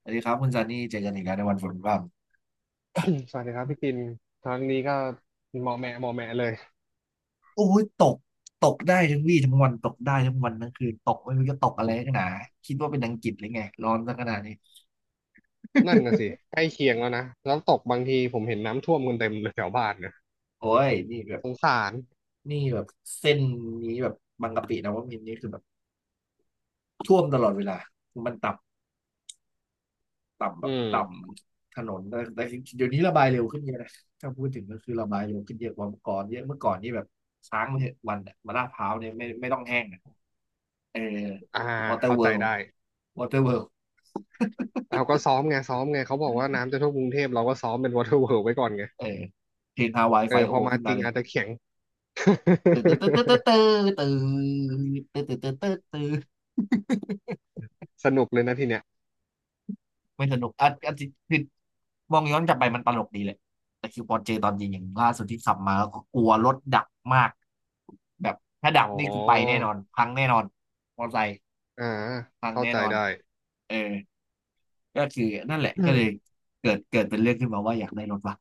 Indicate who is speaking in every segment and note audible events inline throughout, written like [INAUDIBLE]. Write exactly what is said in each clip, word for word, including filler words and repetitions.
Speaker 1: สวัสดีครับคุณซันนี่เจอกันอีกแล้วในวันฝนพร
Speaker 2: [COUGHS] สวัสดีครับพี่กินครั้งนี้ก็เหมาะแหมะเหมาะแหมะเลย
Speaker 1: ำโอ้ยตกตกได้ทั้งวี่ทั้งวันตกได้ทั้งวันทั้งคืนตกไม่รู้จะตกอะไรนักหนาคิดว่าเป็นอังกฤษหรือไงร้อนซะขนาดนี้
Speaker 2: นั่นน่ะสิใกล้เคียงแล้วนะแล้วตกบางทีผมเห็นน้ำท่วมกันเต็มเลยแถวบ้านเนี่ย
Speaker 1: โอ้ยนี่แบบ
Speaker 2: สงสาร
Speaker 1: นี่แบบเส้นนี้แบบบางกะปินะว่ามินทร์นี่คือแบบท่วมตลอดเวลามันต่ำต่ำแบ
Speaker 2: อื
Speaker 1: บ
Speaker 2: ม
Speaker 1: ต่ำถนนแต่แต่เดี๋ยวนี้ระบายเร็วขึ้นเยอะนะถ้าพูดถึงก็คือระบายเร็วขึ้นเยอะกว่าเมื่อก่อนเยอะเมื่อก่อนนี่แบบค้างไปเถอะวันอะมาลาดพร้าวเนี่ยไม่ไม่ต้องแห้งอะเออ
Speaker 2: อ่า
Speaker 1: วอเตอร์
Speaker 2: เข้าใจ
Speaker 1: เวิลด์
Speaker 2: ได้
Speaker 1: วอเตอร์เวิล
Speaker 2: เอาก็ซ้อมไงซ้อมไงเขาบอกว่าน้ำจะท่วมกรุงเทพเราก็ซ้อมเป็นวอเตอร์เวิลไว้ก่อนไง
Speaker 1: เออเพลงฮาวาย
Speaker 2: เอ
Speaker 1: ไฟ
Speaker 2: อ
Speaker 1: โอ
Speaker 2: พอมา
Speaker 1: ขึ้น
Speaker 2: จ
Speaker 1: มา
Speaker 2: ริง
Speaker 1: เลย
Speaker 2: อาจจะแข็ง
Speaker 1: ตื่นตื่นตื่นตื่นตื่นตื่นตื่นตื่นตื่นตื่นตื่น
Speaker 2: [LAUGHS] สนุกเลยนะทีเนี้ย
Speaker 1: ไม่สนุกอ่ะอ่ะจริคือมองย้อนกลับไปมันตลกดีแหละแต่คิวปอนเจตอนยิงอย่างล่าสุดที่ขับมาก็กลัวรถดับมากแบบถ้า
Speaker 2: อ๋
Speaker 1: ดั
Speaker 2: อ
Speaker 1: บนี่คือไปแน่นอนพังแน่นอนมอเตอร์ไซค์
Speaker 2: อ่า
Speaker 1: พัง
Speaker 2: เข้า
Speaker 1: แน่
Speaker 2: ใจ
Speaker 1: นอน
Speaker 2: ได้
Speaker 1: เออก็คือนั่นแหละ
Speaker 2: อื
Speaker 1: ก็เล
Speaker 2: ม
Speaker 1: ยเกิดเกิดเป็นเรื่องขึ้นมาว่าอยากได้รถว่ะ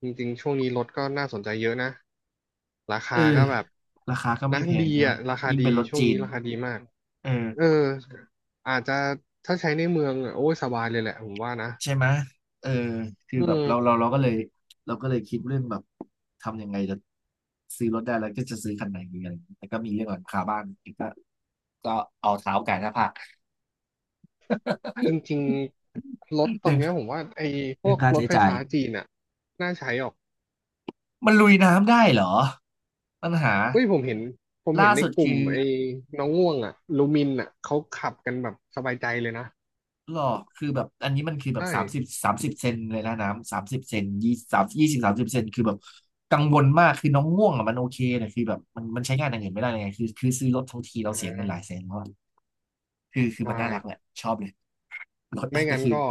Speaker 2: จริงๆ ช่วงนี้รถก็น่าสนใจเยอะนะ รา
Speaker 1: เออ
Speaker 2: คาก็แบบ
Speaker 1: ราคาก็ไม่
Speaker 2: นะ
Speaker 1: แพ
Speaker 2: ดี
Speaker 1: งใช่ไหม
Speaker 2: อ่ะราคา
Speaker 1: ยิ่ง
Speaker 2: ดี
Speaker 1: เป็นรถ
Speaker 2: ช่วง
Speaker 1: จี
Speaker 2: นี้
Speaker 1: น
Speaker 2: ราคาดีมาก
Speaker 1: เอ
Speaker 2: เอ
Speaker 1: อ
Speaker 2: ออาจจะถ้าใช้ในเมืองอะโอ้ยสบายเลยแหละผมว่านะ
Speaker 1: ใช่ไหมเออคือ
Speaker 2: อื
Speaker 1: แบบเราเรา
Speaker 2: ม
Speaker 1: เราก็เลยเราก็เลยคิดเรื่องแบบทำยังไงจะซื้อรถได้แล้วก็จะซื้อคันไหนดีอะไรอย่างเงี้ยแต่ก็มีเรื่องหลังคาบ้านอีกก็ก็เอาเท้าไก่หน้าผาก
Speaker 2: จริงๆ รถ
Speaker 1: [LAUGHS]
Speaker 2: ตอ
Speaker 1: เรื่
Speaker 2: น
Speaker 1: อง
Speaker 2: เนี้ยผมว่าไอ้พ
Speaker 1: เรื่
Speaker 2: ว
Speaker 1: อง
Speaker 2: ก
Speaker 1: ค่า
Speaker 2: รถ
Speaker 1: ใช้
Speaker 2: ไฟ
Speaker 1: จ่าย
Speaker 2: ฟ้าจีนอ่ะน่าใช้ออก
Speaker 1: มันลุยน้ำได้เหรอปัญหา
Speaker 2: เฮ้ย ผมเห็น ผมเห็
Speaker 1: ล่า
Speaker 2: นใน
Speaker 1: สุด
Speaker 2: กลุ่ม
Speaker 1: คือ
Speaker 2: ไอ้น้องง่วงอ่ะลูมินอ่ะเขาขับกันแบบสบายใจเลยนะ
Speaker 1: หรอคือแบบอันนี้มันคือแบบ
Speaker 2: ใช่
Speaker 1: สามสิบสามสิบเซนเลยนะน้ำสามสิบเซนยี่สามยี่สิบสามสิบเซนคือแบบกังวลมากคือน้องง่วงอ่ะมันโอเคนะคือแบบมันมันใช้งานอย่างอื่นไม่ได้เลยไงคือคือซื้อรถทั้งทีเรา
Speaker 2: อ่
Speaker 1: เสียเงินหลาย
Speaker 2: า
Speaker 1: แสนแล้ว คือคือ
Speaker 2: ใช่
Speaker 1: มันน่ารักแหละชอบเลยรถ
Speaker 2: ไม่
Speaker 1: [LAUGHS] แต่
Speaker 2: งั้น
Speaker 1: คือ
Speaker 2: ก็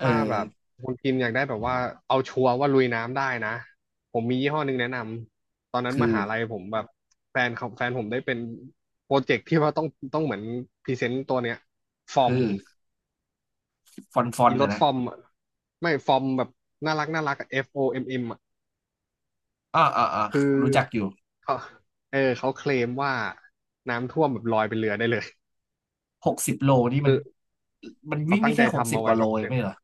Speaker 1: เอ
Speaker 2: ้าแบ
Speaker 1: อ
Speaker 2: บคุณพิมพ์อยากได้แบบว่าเอาชัวร์ว่าลุยน้ำได้นะผมมียี่ห้อหนึ่งแนะนำตอนนั้น
Speaker 1: คื
Speaker 2: ม
Speaker 1: อ
Speaker 2: หาลัยผมแบบแฟนของแฟนผมได้เป็นโปรเจกต์ที่ว่าต้องต้องเหมือนพรีเซนต์ตัวเนี้ยฟอร์ม
Speaker 1: คือฟอนฟอน
Speaker 2: อีร
Speaker 1: นะ
Speaker 2: ถ
Speaker 1: นะ
Speaker 2: ฟอร์มอะไม่ฟอร์มแบบน่ารักน่ารักอะ เอฟ โอ เอ็ม เอ็ม อะ
Speaker 1: อ่าอ่าอ่า
Speaker 2: คือ
Speaker 1: รู้จักอยู่
Speaker 2: เขาเออเขาเคลมว่าน้ำท่วมแบบลอยเป็นเรือได้เลย
Speaker 1: หกสิบโลนี่
Speaker 2: เอ
Speaker 1: มัน
Speaker 2: อ
Speaker 1: มัน
Speaker 2: เขา
Speaker 1: วิ่ง
Speaker 2: ตั้
Speaker 1: ได้
Speaker 2: งใจ
Speaker 1: แค่หก
Speaker 2: ทำ
Speaker 1: สิบ
Speaker 2: มา
Speaker 1: ก
Speaker 2: ไว้
Speaker 1: ว่าโล
Speaker 2: แบบ
Speaker 1: เอ
Speaker 2: อ
Speaker 1: ง
Speaker 2: ย่าง
Speaker 1: ไม่เหรอ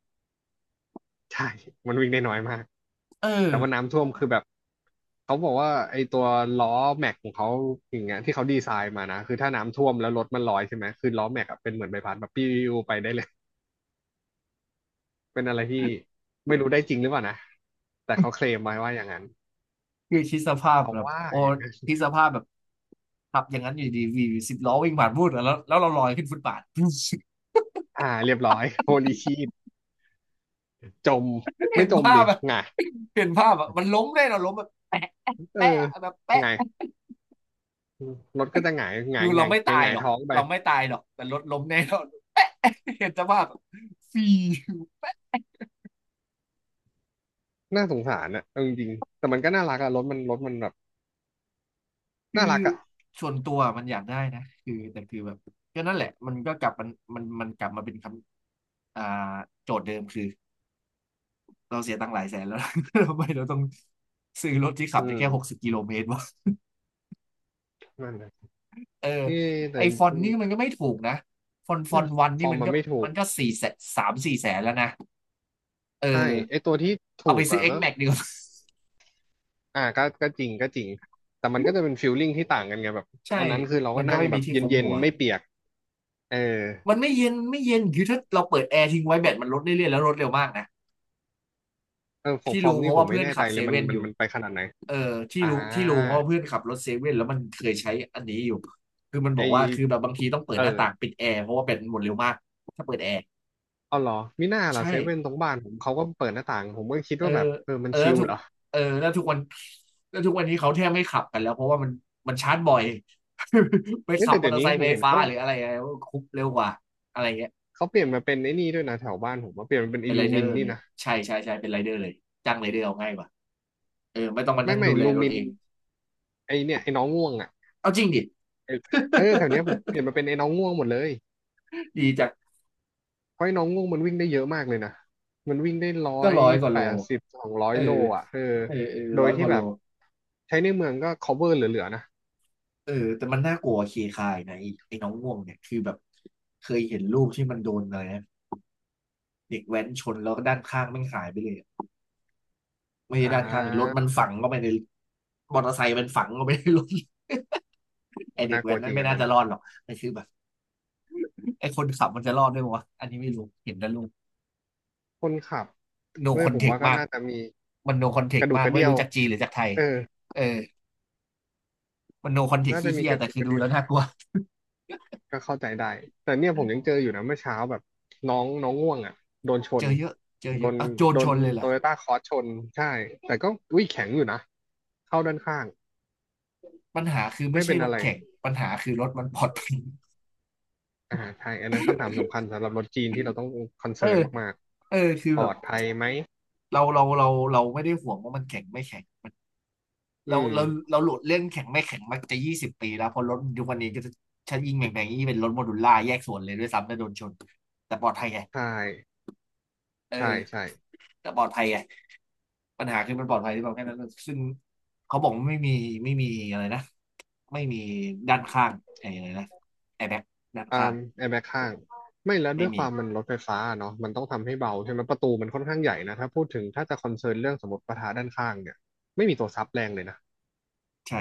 Speaker 2: ใช่มันวิ่งได้น้อยมาก
Speaker 1: เออ
Speaker 2: แต่ว่าน้ำท่วมคือแบบเขาบอกว่าไอ้ตัวล้อแม็กของเขาอย่างเงี้ยที่เขาดีไซน์มานะคือถ้าน้ำท่วมแล้วรถมันลอยใช่ไหมคือล้อแม็กอะเป็นเหมือนใบพัดแบบปิ้วไปได้เลยเป็นอะไรที่ไม่รู้ได้จริงหรือเปล่านะแต่เขาเคลมไว้ว่าอย่างนั้น
Speaker 1: คือคิดสภาพ
Speaker 2: เขา
Speaker 1: แบบ
Speaker 2: ว่า
Speaker 1: โอ้
Speaker 2: อย่างนั้น
Speaker 1: คิดสภาพแบบขับอย่างนั้นอยู่ดีวีสิบล้อวิ่งผ่านพูดแล้วแล้วเราลอยขึ้นฟุตบาท [LAUGHS]
Speaker 2: อ่าเรียบร้อยโฮลีชีตจมไม่
Speaker 1: เห็น
Speaker 2: จม
Speaker 1: ภา
Speaker 2: ดิ
Speaker 1: พแบบ
Speaker 2: หงาย
Speaker 1: เห็นภาพแบบมันล้มแน่เราล้มแบบแปะ
Speaker 2: เออ
Speaker 1: แปะแบบ
Speaker 2: ห
Speaker 1: แปะ
Speaker 2: งายรถก็จะหงายห
Speaker 1: คื
Speaker 2: งา
Speaker 1: อ
Speaker 2: ยห
Speaker 1: เรา
Speaker 2: งาย
Speaker 1: ไม่
Speaker 2: ห
Speaker 1: ตา
Speaker 2: งายห
Speaker 1: ย
Speaker 2: งา
Speaker 1: ห
Speaker 2: ย
Speaker 1: รอก
Speaker 2: ท้องไป
Speaker 1: เราไม่ตายหรอกแต่รถล้มแน่นรา [LAUGHS] แปะเห็นสภาพแบบฟรี
Speaker 2: น่าสงสารนะเอาจริงๆแต่มันก็น่ารักอะรถมันรถมันแบบ
Speaker 1: คือ
Speaker 2: น่ารักอะ
Speaker 1: ส่วนตัวมันอยากได้นะคือแต่คือแบบก็นั่นแหละมันก็กลับมันมันมันกลับมาเป็นคำอ่าโจทย์เดิมคือเราเสียตังค์หลายแสนแล้ว [LAUGHS] ทำไมเราต้องซื้อรถที่ขับ
Speaker 2: อื
Speaker 1: ได้
Speaker 2: ม
Speaker 1: แค่หกสิบกิโลเมตรวะ
Speaker 2: นั่นแหละ
Speaker 1: เออ
Speaker 2: เอ๊ะแต่
Speaker 1: ไอ
Speaker 2: จ
Speaker 1: ฟอน
Speaker 2: ริ
Speaker 1: ต์
Speaker 2: ง
Speaker 1: นี่มันก็ไม่ถูกนะฟอนต์ฟอนต์วัน
Speaker 2: ๆฟ
Speaker 1: นี่
Speaker 2: อร์ม
Speaker 1: มัน
Speaker 2: มัน
Speaker 1: ก็
Speaker 2: ไม่ถู
Speaker 1: มั
Speaker 2: ก
Speaker 1: นก็สี่แสนสามสี่แสนแล้วนะเออ
Speaker 2: ใช่ไอตัวที่
Speaker 1: เอา
Speaker 2: ถู
Speaker 1: ไป
Speaker 2: ก
Speaker 1: ซื้อ
Speaker 2: อ่ะก็
Speaker 1: X-Max ดีกว่า [LAUGHS]
Speaker 2: อ่าก็ก็จริงก็จริง แต่มันก็จะเป็นฟีลลิ่งที่ต่างกันไงแบบ
Speaker 1: ใช่
Speaker 2: อันนั้นคือเรา
Speaker 1: มั
Speaker 2: ก็
Speaker 1: นก็
Speaker 2: นั่ง
Speaker 1: ไม่
Speaker 2: แบ
Speaker 1: มี
Speaker 2: บ
Speaker 1: ที่คุม
Speaker 2: เย็น
Speaker 1: หัว
Speaker 2: ๆไม่เปียกเออ
Speaker 1: มันไม่เย็นไม่เย็นคือถ้าเราเปิดแอร์ทิ้งไว้แบตมันลดเรื่อยๆแล้วลดเร็วมากนะ
Speaker 2: เออของ
Speaker 1: ที่
Speaker 2: ฟอร์
Speaker 1: รู้
Speaker 2: ม
Speaker 1: เพ
Speaker 2: นี่
Speaker 1: ราะ
Speaker 2: ผ
Speaker 1: ว่า
Speaker 2: มไม่
Speaker 1: เพื่อน
Speaker 2: แน่ใจ
Speaker 1: ขับเซ
Speaker 2: เลยมัน
Speaker 1: เว่น
Speaker 2: มั
Speaker 1: อ
Speaker 2: น
Speaker 1: ยู่
Speaker 2: มันไปขนาดไหน
Speaker 1: เออที่
Speaker 2: อ่
Speaker 1: รู้ที่รู้เพราะ
Speaker 2: า
Speaker 1: ว่าเพื่อนขับรถเซเว่นแล้วมันเคยใช้อันนี้อยู่คือมันบ
Speaker 2: ไอ
Speaker 1: อกว่าคือแบบบางทีต้องเปิด
Speaker 2: เอ
Speaker 1: หน้า
Speaker 2: อ
Speaker 1: ต่างปิดแอร์เพราะว่าแบตมันหมดเร็วมากถ้าเปิดแอร์
Speaker 2: เอาเหรอมิน่าเห
Speaker 1: ใช
Speaker 2: รอเซเว่นตร
Speaker 1: ่
Speaker 2: งบ้านผมเขาก็เปิดหน้าต่างผมก็คิด
Speaker 1: เออ
Speaker 2: ว่าแบบเออมั
Speaker 1: เอ
Speaker 2: น
Speaker 1: อแล้
Speaker 2: ชิ
Speaker 1: ว
Speaker 2: ล
Speaker 1: ทุก
Speaker 2: เหรอ
Speaker 1: เออแล้วทุกวันแล้วทุกวันนี้เขาแทบไม่ขับกันแล้วเพราะว่ามันมันชาร์จบ่อย [LAUGHS] ไป
Speaker 2: เฮ้ย
Speaker 1: ขับ
Speaker 2: แต่
Speaker 1: มอ
Speaker 2: เดี๋ย
Speaker 1: เต
Speaker 2: ว
Speaker 1: อร์ไซ
Speaker 2: นี้ผ
Speaker 1: ค์ไฟ
Speaker 2: มเห็น
Speaker 1: ฟ้า
Speaker 2: เขา
Speaker 1: หรืออะไรอะไรคุบเร็วกว่าอะไรเงี้ย
Speaker 2: เขาเปลี่ยนมาเป็นไอ้นี่ด้วยนะแถวบ้านผมว่าเปลี่ยนมาเป็น
Speaker 1: เป็
Speaker 2: อิ
Speaker 1: นไร
Speaker 2: ลู
Speaker 1: เดอ
Speaker 2: มิน
Speaker 1: ร์
Speaker 2: นี่
Speaker 1: เลย
Speaker 2: นะ
Speaker 1: ใช่ใช่ใช่เป็นไรเดอร์เลยจ้างไรเดอร์เอาง่ายกว่าเออไม่ต้องมา
Speaker 2: ไม่
Speaker 1: นั่ง
Speaker 2: ไม่
Speaker 1: ดูแล
Speaker 2: ลู
Speaker 1: รถ
Speaker 2: มิน
Speaker 1: เอง
Speaker 2: ไอเนี่ยไอ้น้องง่วงอ่ะ
Speaker 1: เอาจริงดิ [LAUGHS]
Speaker 2: เออเออแถวเนี้ยผมเปลี่ยนมาเป็นไอ้น้องง่วงหมดเลย
Speaker 1: ดีจัง
Speaker 2: เพราะไอ้น้องง่วงมันวิ่งได้เยอะมากเลยนะมันวิ่งได้ร้อ
Speaker 1: ก็
Speaker 2: ย
Speaker 1: ร้อยกว่า
Speaker 2: แป
Speaker 1: โล
Speaker 2: ดสิบสองร้อย
Speaker 1: เออ
Speaker 2: โลอ่ะเออ
Speaker 1: เออเออ
Speaker 2: โด
Speaker 1: ร้
Speaker 2: ย
Speaker 1: อยก
Speaker 2: ที่
Speaker 1: ว่าโล
Speaker 2: แบบใช้ในเมืองก็ cover เหลือๆนะ
Speaker 1: เออแต่มันน่ากลัวเคคายนะไอ้ไอ้น้องง่วงเนี่ยคือแบบเคยเห็นรูปที่มันโดนอะไรนะเด็กแว้นชนแล้วก็ด้านข้างมันหายไปเลยอะไม่ใช่
Speaker 2: อ่
Speaker 1: ด้านข้างรถ
Speaker 2: า
Speaker 1: มันฝังเข้าไปในมอเตอร์ไซค์มันฝังเข้าไปในรถ [LAUGHS] ไอ
Speaker 2: โอ้
Speaker 1: เด็ก
Speaker 2: น่าก
Speaker 1: แว้
Speaker 2: ลัว
Speaker 1: น
Speaker 2: จ
Speaker 1: นั้
Speaker 2: ริ
Speaker 1: น
Speaker 2: ง
Speaker 1: ไม่
Speaker 2: อัน
Speaker 1: น่า
Speaker 2: นั้น
Speaker 1: จะ
Speaker 2: อะ
Speaker 1: รอดหรอกแต่คือแบบไอคนขับมันจะรอดด้วยวะอันนี้ไม่รู้เห็นแต่รูป
Speaker 2: คนขับ
Speaker 1: โน
Speaker 2: เฮ้
Speaker 1: ค
Speaker 2: ย
Speaker 1: อน
Speaker 2: ผม
Speaker 1: เทค
Speaker 2: ว่าก็
Speaker 1: มาก
Speaker 2: น่าจะมี
Speaker 1: มันโนคอนเท
Speaker 2: ก
Speaker 1: ค
Speaker 2: ระดูก
Speaker 1: มาก
Speaker 2: กระ
Speaker 1: ไม่
Speaker 2: เดี่ยว
Speaker 1: รู้จากจีนหรือจากไทย
Speaker 2: เออ
Speaker 1: เออมันโนคอนเทค
Speaker 2: น่าจะ
Speaker 1: ขี้
Speaker 2: มี
Speaker 1: เหี้ย
Speaker 2: กระ
Speaker 1: แต่
Speaker 2: ดูก
Speaker 1: คือ
Speaker 2: กระ
Speaker 1: ดู
Speaker 2: เดี่ย
Speaker 1: แล้
Speaker 2: ว
Speaker 1: วน่ากลัว
Speaker 2: ก็เข้าใจได้แต่เนี่ยผมยังเจออยู่นะเมื่อเช้าแบบน้องน้องง่วงอ่ะโดนช
Speaker 1: เจ
Speaker 2: น
Speaker 1: อเยอะเจอ
Speaker 2: โด
Speaker 1: เยอะ
Speaker 2: น
Speaker 1: เอาโจร
Speaker 2: โด
Speaker 1: ช
Speaker 2: น
Speaker 1: นเลยเหร
Speaker 2: โต
Speaker 1: อ
Speaker 2: โยต้าคอร์สชนใช่แต่ก็อุ้ยแข็งอยู่นะเข้าด้านข้าง
Speaker 1: ปัญหาคือไม่
Speaker 2: ไม่
Speaker 1: ใช่
Speaker 2: เป็น
Speaker 1: ร
Speaker 2: อะ
Speaker 1: ถ
Speaker 2: ไร
Speaker 1: แข่งปัญหาคือรถมันปลอดภัย
Speaker 2: อ่าใช่อันนั้นคำถามสำคัญสำหรับรถจีนที่เราต้องคอน
Speaker 1: เออ
Speaker 2: เซิร์นมาก
Speaker 1: เออคือ
Speaker 2: ๆ ปล
Speaker 1: แบ
Speaker 2: อ
Speaker 1: บ
Speaker 2: ดภัยไหม
Speaker 1: เราเราเราเราไม่ได้ห่วงว่ามันแข่งไม่แข่ง
Speaker 2: อื
Speaker 1: เรา
Speaker 2: ม
Speaker 1: เราเราหลุดเรื่องแข่งไม่แข่งมาจะยี่สิบปีแล้วเพราะรถยุควันนี้ก็จะชันยิงแบ่งแบ่งนี่เป็นรถโมดูล่าแยกส่วนเลยด้วยซ้ำแตโดนชนแต่ปลอดภัยไง
Speaker 2: ใช่ ใช่
Speaker 1: เออ
Speaker 2: ใช่
Speaker 1: แต่ปลอดภัยไงปัญหาคือมันปลอดภัยที่แบบแค่นั้นซึ่งเขาบอกว่าไม่มีไม่มีอะไรนะไม่มีด้านข้างไอ้อะไรนะแอร์แบ็กด้านข้าง
Speaker 2: อ่าแอร์แบ็กข้าง ไม่แล้ว
Speaker 1: ไม่
Speaker 2: ด้วยค
Speaker 1: มี
Speaker 2: วามมันรถไฟฟ้าเนาะมันต้องทำให้เบาใช่ไหม ประตูมันค่อนข้างใหญ่นะ ถ้าพูดถึงถ้าจะคอนเซิร์นเรื่องสมมติประทะด้านข้างเนี่ย ไม่มีตัวซับแรงเลยนะ
Speaker 1: ใช่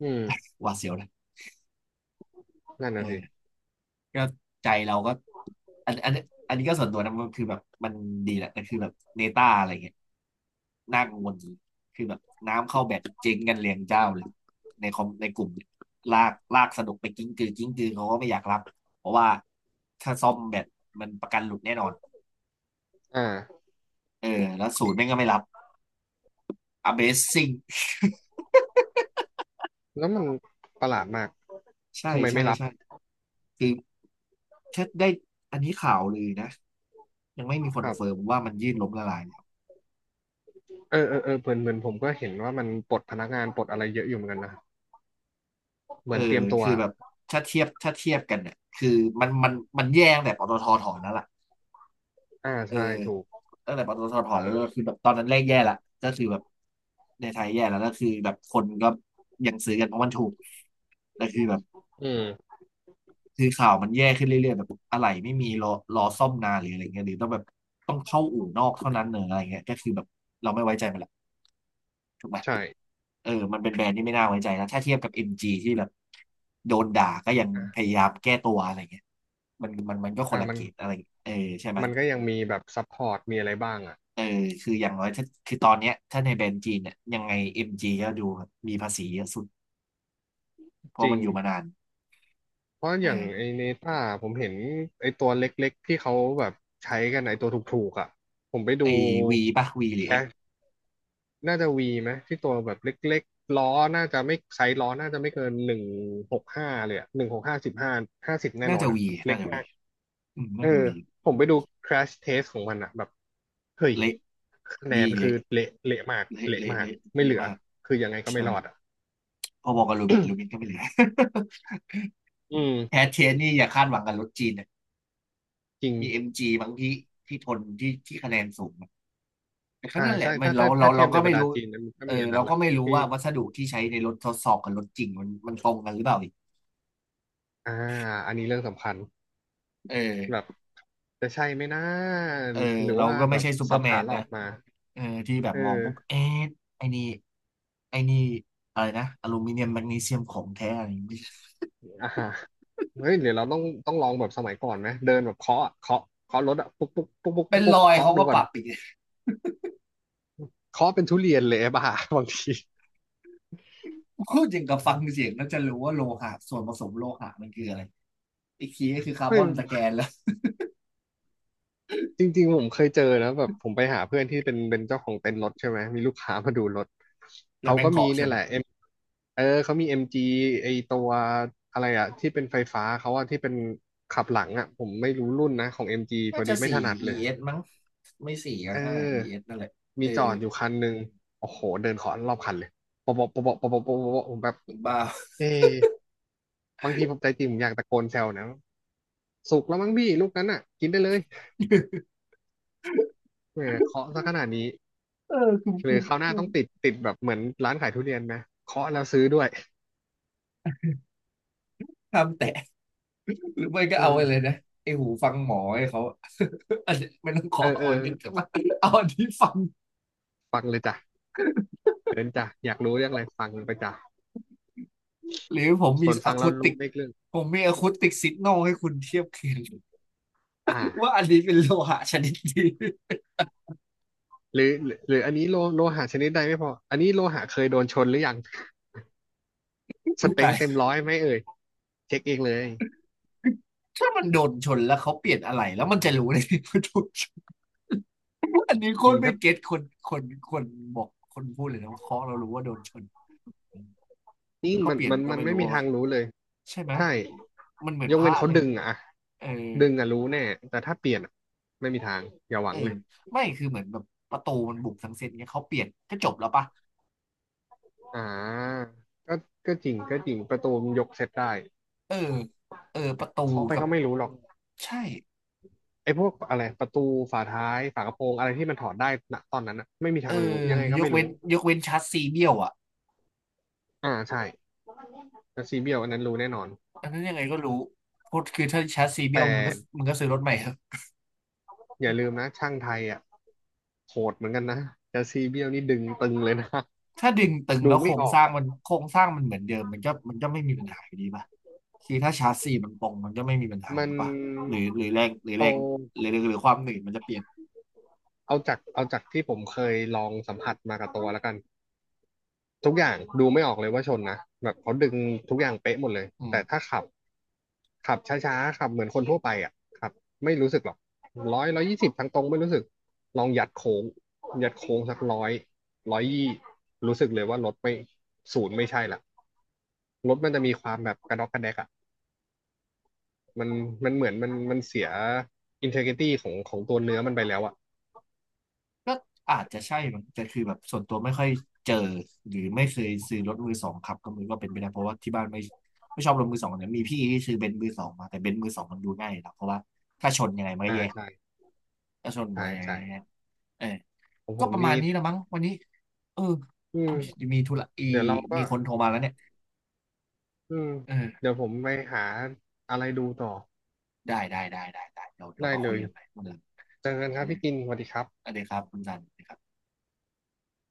Speaker 2: อืม
Speaker 1: หวาดเสียวนะ
Speaker 2: นั่น
Speaker 1: เออ
Speaker 2: น่ะสิ
Speaker 1: ก็ใจเราก็อันอันอันนี้ก็ส่วนตัวนะมันคือแบบมันดีแหละแต่คือแบบเนต้าอะไรเงี้ยน่ากังวลจริงคือแบบน้ำเข้าแบบเจ๊งกันเรียงเจ้าเลยในคอมในกลุ่มเนี่ยลากลากสนุกไปกิ้งกือกิ้งกือเขาก็ไม่อยากรับเพราะว่าถ้าซ่อมแบบมันประกันหลุดแน่นอน
Speaker 2: อ่า
Speaker 1: เออแล้วศูนย์แม่งก็ไม่รับ Amazing
Speaker 2: แล้วมันประหลาดมาก
Speaker 1: [LAUGHS] ใช่
Speaker 2: ทำไม
Speaker 1: ใช่
Speaker 2: ไม่รับ
Speaker 1: ใช่คือถ้าได้อันนี้ข่าวเลยนะยังไม่มีคอ
Speaker 2: ค
Speaker 1: น
Speaker 2: รั
Speaker 1: เฟิร์ม
Speaker 2: บ
Speaker 1: ว่ามันยืดล้มละลาย
Speaker 2: เออเออเออเหมือนเหมือนผมก็เห็นว่ามันปลดพนักงานปลดอะไรเยอะอยู่เหมือนกันนะเห
Speaker 1: เอ
Speaker 2: มื
Speaker 1: อ
Speaker 2: อนเตรียมตัว
Speaker 1: คือแบบถ้าเทียบถ้าเทียบกันเนี่ยคือมันมันมันแย่ตั้งแต่ปตทถอนแล้วล่ะ
Speaker 2: อ่า
Speaker 1: เออ
Speaker 2: ใช่ถูก
Speaker 1: ตั้งแต่ปตทถอนแล้วก็คือแบบตอนนั้นแรกแย่ละก็คือแบบในไทยแย่แล้วก็คือแบบคนก็ยังซื้อกันเพราะมันถูกแต่คือแบบ
Speaker 2: อืม
Speaker 1: คือข่าวมันแย่ขึ้นเรื่อยๆแบบอะไรไม่มีรอรอซ่อมนานหรืออะไรเงี้ยหรือต้องแบบต้องเข้าอู่นอกเท่านั้นเนอะอะไรเงี้ยก็คือแบบเราไม่ไว้ใจมันละถูกไหม
Speaker 2: ใช่
Speaker 1: เออมันเป็นแบรนด์ที่ไม่น่าไว้ใจนะถ้าเทียบกับ เอ็ม จี ที่แบบโดนด่าก็ยังพยา
Speaker 2: อ่ะ
Speaker 1: ยามแก้ตัวอะไรเงี้ยมันมันมันก็คน
Speaker 2: อ่ะ
Speaker 1: ละ
Speaker 2: มั
Speaker 1: เก
Speaker 2: น
Speaker 1: รดอะไรเออใช่ไหม
Speaker 2: มันก็ยังมีแบบซัพพอร์ตมีอะไรบ้างอ่ะ
Speaker 1: เออคืออย่างน้อยถ้าคือตอนเนี้ยถ้าในแบรนด์จีนเนี่ยยังไง เอ็ม จี ก็ดูมีภาษีเยอะสุด เพ
Speaker 2: จ
Speaker 1: ราะ
Speaker 2: ริ
Speaker 1: มัน
Speaker 2: ง
Speaker 1: อยู่มานาน
Speaker 2: เพราะอย่างไอ
Speaker 1: เออ
Speaker 2: เนต้าผมเห็นไอตัวเล็กๆที่เขาแบบใช้กันไอตัวถูกๆอ่ะผมไปดู
Speaker 1: ไอ้ V ป่ะ V หรื
Speaker 2: แค
Speaker 1: อ X
Speaker 2: ชน่าจะวีไหมที่ตัวแบบเล็กๆล้อน่าจะไม่ไซส์ล้อน่าจะไม่เกินหนึ่งหกห้าเลยอ่ะหนึ่งหกห้า ห้าสิบห้าห้าสิบแน่
Speaker 1: น่า
Speaker 2: นอ
Speaker 1: จะ
Speaker 2: น
Speaker 1: V
Speaker 2: อ่ะเล็
Speaker 1: น่า
Speaker 2: ก
Speaker 1: จะ V
Speaker 2: มาก
Speaker 1: อืม
Speaker 2: เอ
Speaker 1: น่า
Speaker 2: อ
Speaker 1: จะ V
Speaker 2: ผมไปดู แครช เทสต์ ของมันอ่ะแบบเฮ้ย
Speaker 1: เละ
Speaker 2: คะแน
Speaker 1: B
Speaker 2: นคือ
Speaker 1: เละ
Speaker 2: เละเละมาก
Speaker 1: เละ
Speaker 2: เละ
Speaker 1: เละ
Speaker 2: มาก
Speaker 1: เละ
Speaker 2: ไม่เหลื
Speaker 1: เละ
Speaker 2: อ
Speaker 1: มาก
Speaker 2: คือยังไงก็ไม่
Speaker 1: ใช่
Speaker 2: รอดอ่ะ
Speaker 1: พอบอกกับลูมินลูมินก็ไม่เหลือ [LAUGHS]
Speaker 2: อื
Speaker 1: แอ
Speaker 2: ม
Speaker 1: ดเทนนี่อย่าคาดหวังกับรถจีนนะ
Speaker 2: จริง
Speaker 1: มีเอ็มจีบางที่ที่ทนที่ที่คะแนนสูงอะแต่ก็
Speaker 2: อ่า
Speaker 1: นั่นแหละ
Speaker 2: ใช่
Speaker 1: มัน
Speaker 2: ถ้า
Speaker 1: เรา
Speaker 2: ถ้า
Speaker 1: เรา
Speaker 2: ถ้าเที
Speaker 1: เรา
Speaker 2: ยบใน
Speaker 1: ก็
Speaker 2: บร
Speaker 1: ไม่
Speaker 2: รดา
Speaker 1: รู้
Speaker 2: จีนนะมันก็
Speaker 1: เออ
Speaker 2: มีอันนั้
Speaker 1: เรา
Speaker 2: นแห
Speaker 1: ก็
Speaker 2: ละ
Speaker 1: ไม่รู้
Speaker 2: ที่
Speaker 1: ว่าวัสดุที่ใช้ในรถทดสอบกับรถจริงมันมันตรงกันหรือเปล่าอีก
Speaker 2: อ่าอันนี้เรื่องสำคัญ
Speaker 1: เ
Speaker 2: แบบ
Speaker 1: ออ
Speaker 2: จะใช่ไหมนะ
Speaker 1: เออ
Speaker 2: หรือ
Speaker 1: เรา
Speaker 2: ว่า
Speaker 1: ก็ไม่
Speaker 2: แบบ
Speaker 1: ใช่ซูเปอ
Speaker 2: สั
Speaker 1: ร์
Speaker 2: บ
Speaker 1: แม
Speaker 2: ขา
Speaker 1: น
Speaker 2: หลอ
Speaker 1: นะ
Speaker 2: กมา
Speaker 1: เออที่แบบ
Speaker 2: เอ
Speaker 1: มอง
Speaker 2: อ
Speaker 1: ปุ๊บเอ๊ะไอ้นี่ไอ้นี่อะไรนะอลูมิเนียมแมกนีเซียมของแท้อะไรอย่างงี้ไม่ใช่
Speaker 2: อ่าฮะเฮ้ยเดี๋ยวเราต้องต้องลองแบบสมัยก่อนไหมเดินแบบเคาะอะเคาะเคาะรถอะปุ๊กปุ๊กปุ๊กปุ๊ก
Speaker 1: เป็น
Speaker 2: ปุ๊กปุ๊
Speaker 1: ร
Speaker 2: ก
Speaker 1: อย
Speaker 2: เคาะ
Speaker 1: เขา
Speaker 2: ดู
Speaker 1: ก็ป
Speaker 2: ก่อน
Speaker 1: รับอีก [LAUGHS]
Speaker 2: เคาะเป็นทุเรียนเลยไอ้ [LAUGHS] บ้า [LAUGHS] บางที
Speaker 1: พูดอย่างกับฟังเสียงแล้วจะรู้ว่าโลหะส่วนผสมโลหะมันคืออะไรอีกทีก็คือคาร์
Speaker 2: เฮ้
Speaker 1: บ
Speaker 2: ย
Speaker 1: อนตะแกนแล้ว
Speaker 2: จริงๆผมเคยเจอนะแบบผมไปหาเพื่อนที่เป็นเป็นเจ้าของเต็นท์รถใช่ไหมมีลูกค้ามาดูรถ
Speaker 1: แล้ว
Speaker 2: เขา
Speaker 1: แมง
Speaker 2: ก็มี
Speaker 1: เคาะใช่
Speaker 2: เนี่ย
Speaker 1: ไหม
Speaker 2: แหละ M เออเขามี เอ็ม จี ไอตัวอะไรอะที่เป็นไฟฟ้าเขาอะที่เป็นขับหลังอะผมไม่รู้รุ่นนะของ เอ็ม จี พ
Speaker 1: น่า
Speaker 2: อดี
Speaker 1: จะ
Speaker 2: ไม่
Speaker 1: สี่
Speaker 2: ถนัดเลย
Speaker 1: อี เอส มั้งไม่สี่ก็
Speaker 2: เอ
Speaker 1: ห้า
Speaker 2: อ
Speaker 1: อี เอส นั่นแหละเอ
Speaker 2: มี
Speaker 1: อ
Speaker 2: จอดอยู่คันหนึ่งโอ้โหเดินขอรอบคันเลยปะปะปะปะปะปะปะปะผมแบบ
Speaker 1: คุณบ้า
Speaker 2: เอ๊ะบางทีผมใจจริงผมอยากตะโกนแซวนะสุกแล้วมั้งพี่ลูกนั้นอ่ะกินได้เลย
Speaker 1: [LAUGHS]
Speaker 2: เออเคาะซะขนาดนี้
Speaker 1: เออคือ
Speaker 2: ห
Speaker 1: คื
Speaker 2: รือ
Speaker 1: อ
Speaker 2: คราวหน้า
Speaker 1: คือ
Speaker 2: ต้องติดติดแบบเหมือนร้านขายทุเรียนไหมเคาะแล้วซื้อด้วย
Speaker 1: ทำแต่หรือไม่ก็
Speaker 2: เอ
Speaker 1: เอาไป
Speaker 2: อ
Speaker 1: เลยนะไอหูฟังหมอให้เขา [LAUGHS] อันนี้ไม่ต้องขอ
Speaker 2: เออเอ
Speaker 1: เอา
Speaker 2: อ
Speaker 1: อันนี้แต่ว่าเอาอันที่ฟัง
Speaker 2: ฟังเลยจ้ะเดินจ้ะอยากรู้เรื่องอะไรฟังไปจ้ะ
Speaker 1: หรือผมมี
Speaker 2: ส่วนฟั
Speaker 1: อะ
Speaker 2: งแล้
Speaker 1: คู
Speaker 2: ว
Speaker 1: ติ
Speaker 2: รู้
Speaker 1: ก
Speaker 2: ไม่เรื่อง
Speaker 1: ผมมีอะคูติกซิกนอลให้คุณเทียบเคียง
Speaker 2: อ
Speaker 1: ว่า
Speaker 2: ่า
Speaker 1: อันนี้เป็นโลหะชนิดดี
Speaker 2: หรือหรือหรืออันนี้โลโลหะชนิดใดไม่พออันนี้โลหะเคยโดนชนหรือยัง
Speaker 1: [LAUGHS]
Speaker 2: ส
Speaker 1: อุ๊ย
Speaker 2: เต็
Speaker 1: ตา
Speaker 2: งเต็
Speaker 1: ย
Speaker 2: มร้อยไหมเอ่ยเช็คเองเลย
Speaker 1: ถ้ามันโดนชนแล้วเขาเปลี่ยนอะไรแล้วมันจะรู้ได้ไงว่าโดนช [LAUGHS] อันนี้โค
Speaker 2: จริ
Speaker 1: ต
Speaker 2: ง
Speaker 1: รไม่
Speaker 2: ถ้า
Speaker 1: เก็ตคนคนคนบอกคนพูดเลยนะว่าเคาะเรารู้ว่าโดนชน
Speaker 2: นี่
Speaker 1: เขา
Speaker 2: มัน
Speaker 1: เปลี่ยน
Speaker 2: มัน
Speaker 1: มันก็
Speaker 2: มัน
Speaker 1: ไม่
Speaker 2: ไม่
Speaker 1: รู้
Speaker 2: มี
Speaker 1: อะ
Speaker 2: ทา
Speaker 1: วะ
Speaker 2: งรู้เลย
Speaker 1: ใช่ไหม
Speaker 2: ใช่
Speaker 1: มันเหมือน
Speaker 2: ยก
Speaker 1: พ
Speaker 2: เว้
Speaker 1: ระ
Speaker 2: นเขา
Speaker 1: เลย
Speaker 2: ดึงอะ
Speaker 1: เออ
Speaker 2: ดึงอะรู้แน่แต่ถ้าเปลี่ยนอะไม่มีทางอย่าหวั
Speaker 1: เออ
Speaker 2: งเลย
Speaker 1: ไม่คือเหมือนแบบประตูมันบุกทั้งเซตเงี้ยเขาเปลี่ยนก็จบแล้วปะ
Speaker 2: อ่าก็ก็จริงก็จริงประตูมันยกเซตได้
Speaker 1: เออเออประตู
Speaker 2: เคาะไป
Speaker 1: กับ
Speaker 2: ก็ไม่รู้หรอก
Speaker 1: ใช่
Speaker 2: ไอ้พวกอะไรประตูฝาท้ายฝากระโปรงอะไรที่มันถอดได้ณตอนนั้นน่ะไม่มี
Speaker 1: เอ
Speaker 2: ทา
Speaker 1: อ
Speaker 2: งรู้ยังไงก็
Speaker 1: ยก
Speaker 2: ไม่
Speaker 1: เว้
Speaker 2: รู้
Speaker 1: นยกเว้นชาร์จซีเบี้ยวอ่ะ
Speaker 2: อ่าใช่แต่ซีเบียวอันนั้นรู้แน่นอน
Speaker 1: อันนั้นยังไงก็รู้พดคือถ้าชาร์จซี
Speaker 2: แต่
Speaker 1: เบี้ยวมึงก็มึงก็ซื้อรถใหม่เถอะ
Speaker 2: อย่าลืมนะช่างไทยอะโหดเหมือนกันนะแต่ซีเบียวนี่ดึงตึงเลยนะ
Speaker 1: ถ้าดึงตึง
Speaker 2: ดู
Speaker 1: แล้วโค
Speaker 2: ไม่
Speaker 1: รง
Speaker 2: ออ
Speaker 1: ส
Speaker 2: ก
Speaker 1: ร้าง
Speaker 2: อะ
Speaker 1: มันโครงสร้างมันเหมือนเดิมมันก็มันก็ไม่มีปัญหาอยู่ดีป่ะ คือถ้าชาร์จสี่มันตรงมันก็ไม่มีปัญหา
Speaker 2: มั
Speaker 1: หร
Speaker 2: น
Speaker 1: อปะหรือหรือแรงหรือแร
Speaker 2: เอา
Speaker 1: งหรือหรือความหนืดมันจะเปลี่ยน
Speaker 2: เอาจากเอาจากที่ผมเคยลองสัมผัสมากับตัวแล้วกัน ทุกอย่างดูไม่ออกเลยว่าชนนะแบบเขาดึงทุกอย่างเป๊ะหมดเลย
Speaker 1: อืม
Speaker 2: แต่ถ้าขับขับช้าๆขับเหมือนคนทั่วไปอ่ะขับไม่รู้สึกหรอกร้อย ร้อยยี่สิบทางตรงไม่รู้สึกลองยัดโค้งยัดโค้งสักร้อยร้อยยี่รู้สึกเลยว่ารถไม่ศูนย์ไม่ใช่ละรถมันจะมีความแบบกระดอกกระแดกอ่ะมันมันเหมือนมันมันเสียอินเทอร์ ที วาย ตี้ของของตัวเนื้อมันไปแล้วอ่ะ
Speaker 1: ก็อาจจะใช่มั้งแต่คือแบบส่วนตัวไม่ค่อยเจอหรือไม่เคยซื้อรถมือสองขับก็มือก็เป็นไปได้เพราะว่าที่บ้านไม่ไม่ชอบรถมือสองเนี่ยมีพี่ที่ซื้อเบนซ์มือสองมาแต่เบนซ์มือสองมันดูง่ายนะเพราะว่าถ้าชนยังไงมันก็
Speaker 2: อ่า
Speaker 1: แยก
Speaker 2: ใช่
Speaker 1: ถ้าชน
Speaker 2: ใช่
Speaker 1: มันยังไง
Speaker 2: ใช่
Speaker 1: มันก็แยกเออ
Speaker 2: ของผ
Speaker 1: ก็
Speaker 2: ม
Speaker 1: ประมาณ
Speaker 2: นี่
Speaker 1: นี้ละมั้งวันนี้เออ
Speaker 2: อืม
Speaker 1: มีธุระอี
Speaker 2: เดี๋ยวเราก็
Speaker 1: มีคนโทรมาแล้วเนี่ย
Speaker 2: อืม
Speaker 1: เอ
Speaker 2: เดี๋
Speaker 1: อ
Speaker 2: ยวผมไปหาอะไรดูต่อ
Speaker 1: ได้ได้ได้ได้ได้เดี๋ยวเดี๋ยว
Speaker 2: ได้
Speaker 1: มา
Speaker 2: เล
Speaker 1: คุย
Speaker 2: ย
Speaker 1: กันใหม่เมื่อไหร่
Speaker 2: เจอกันครับพี่กินสวัสดีครับ
Speaker 1: สวัสดีครับคุณสันสวัสดีครับ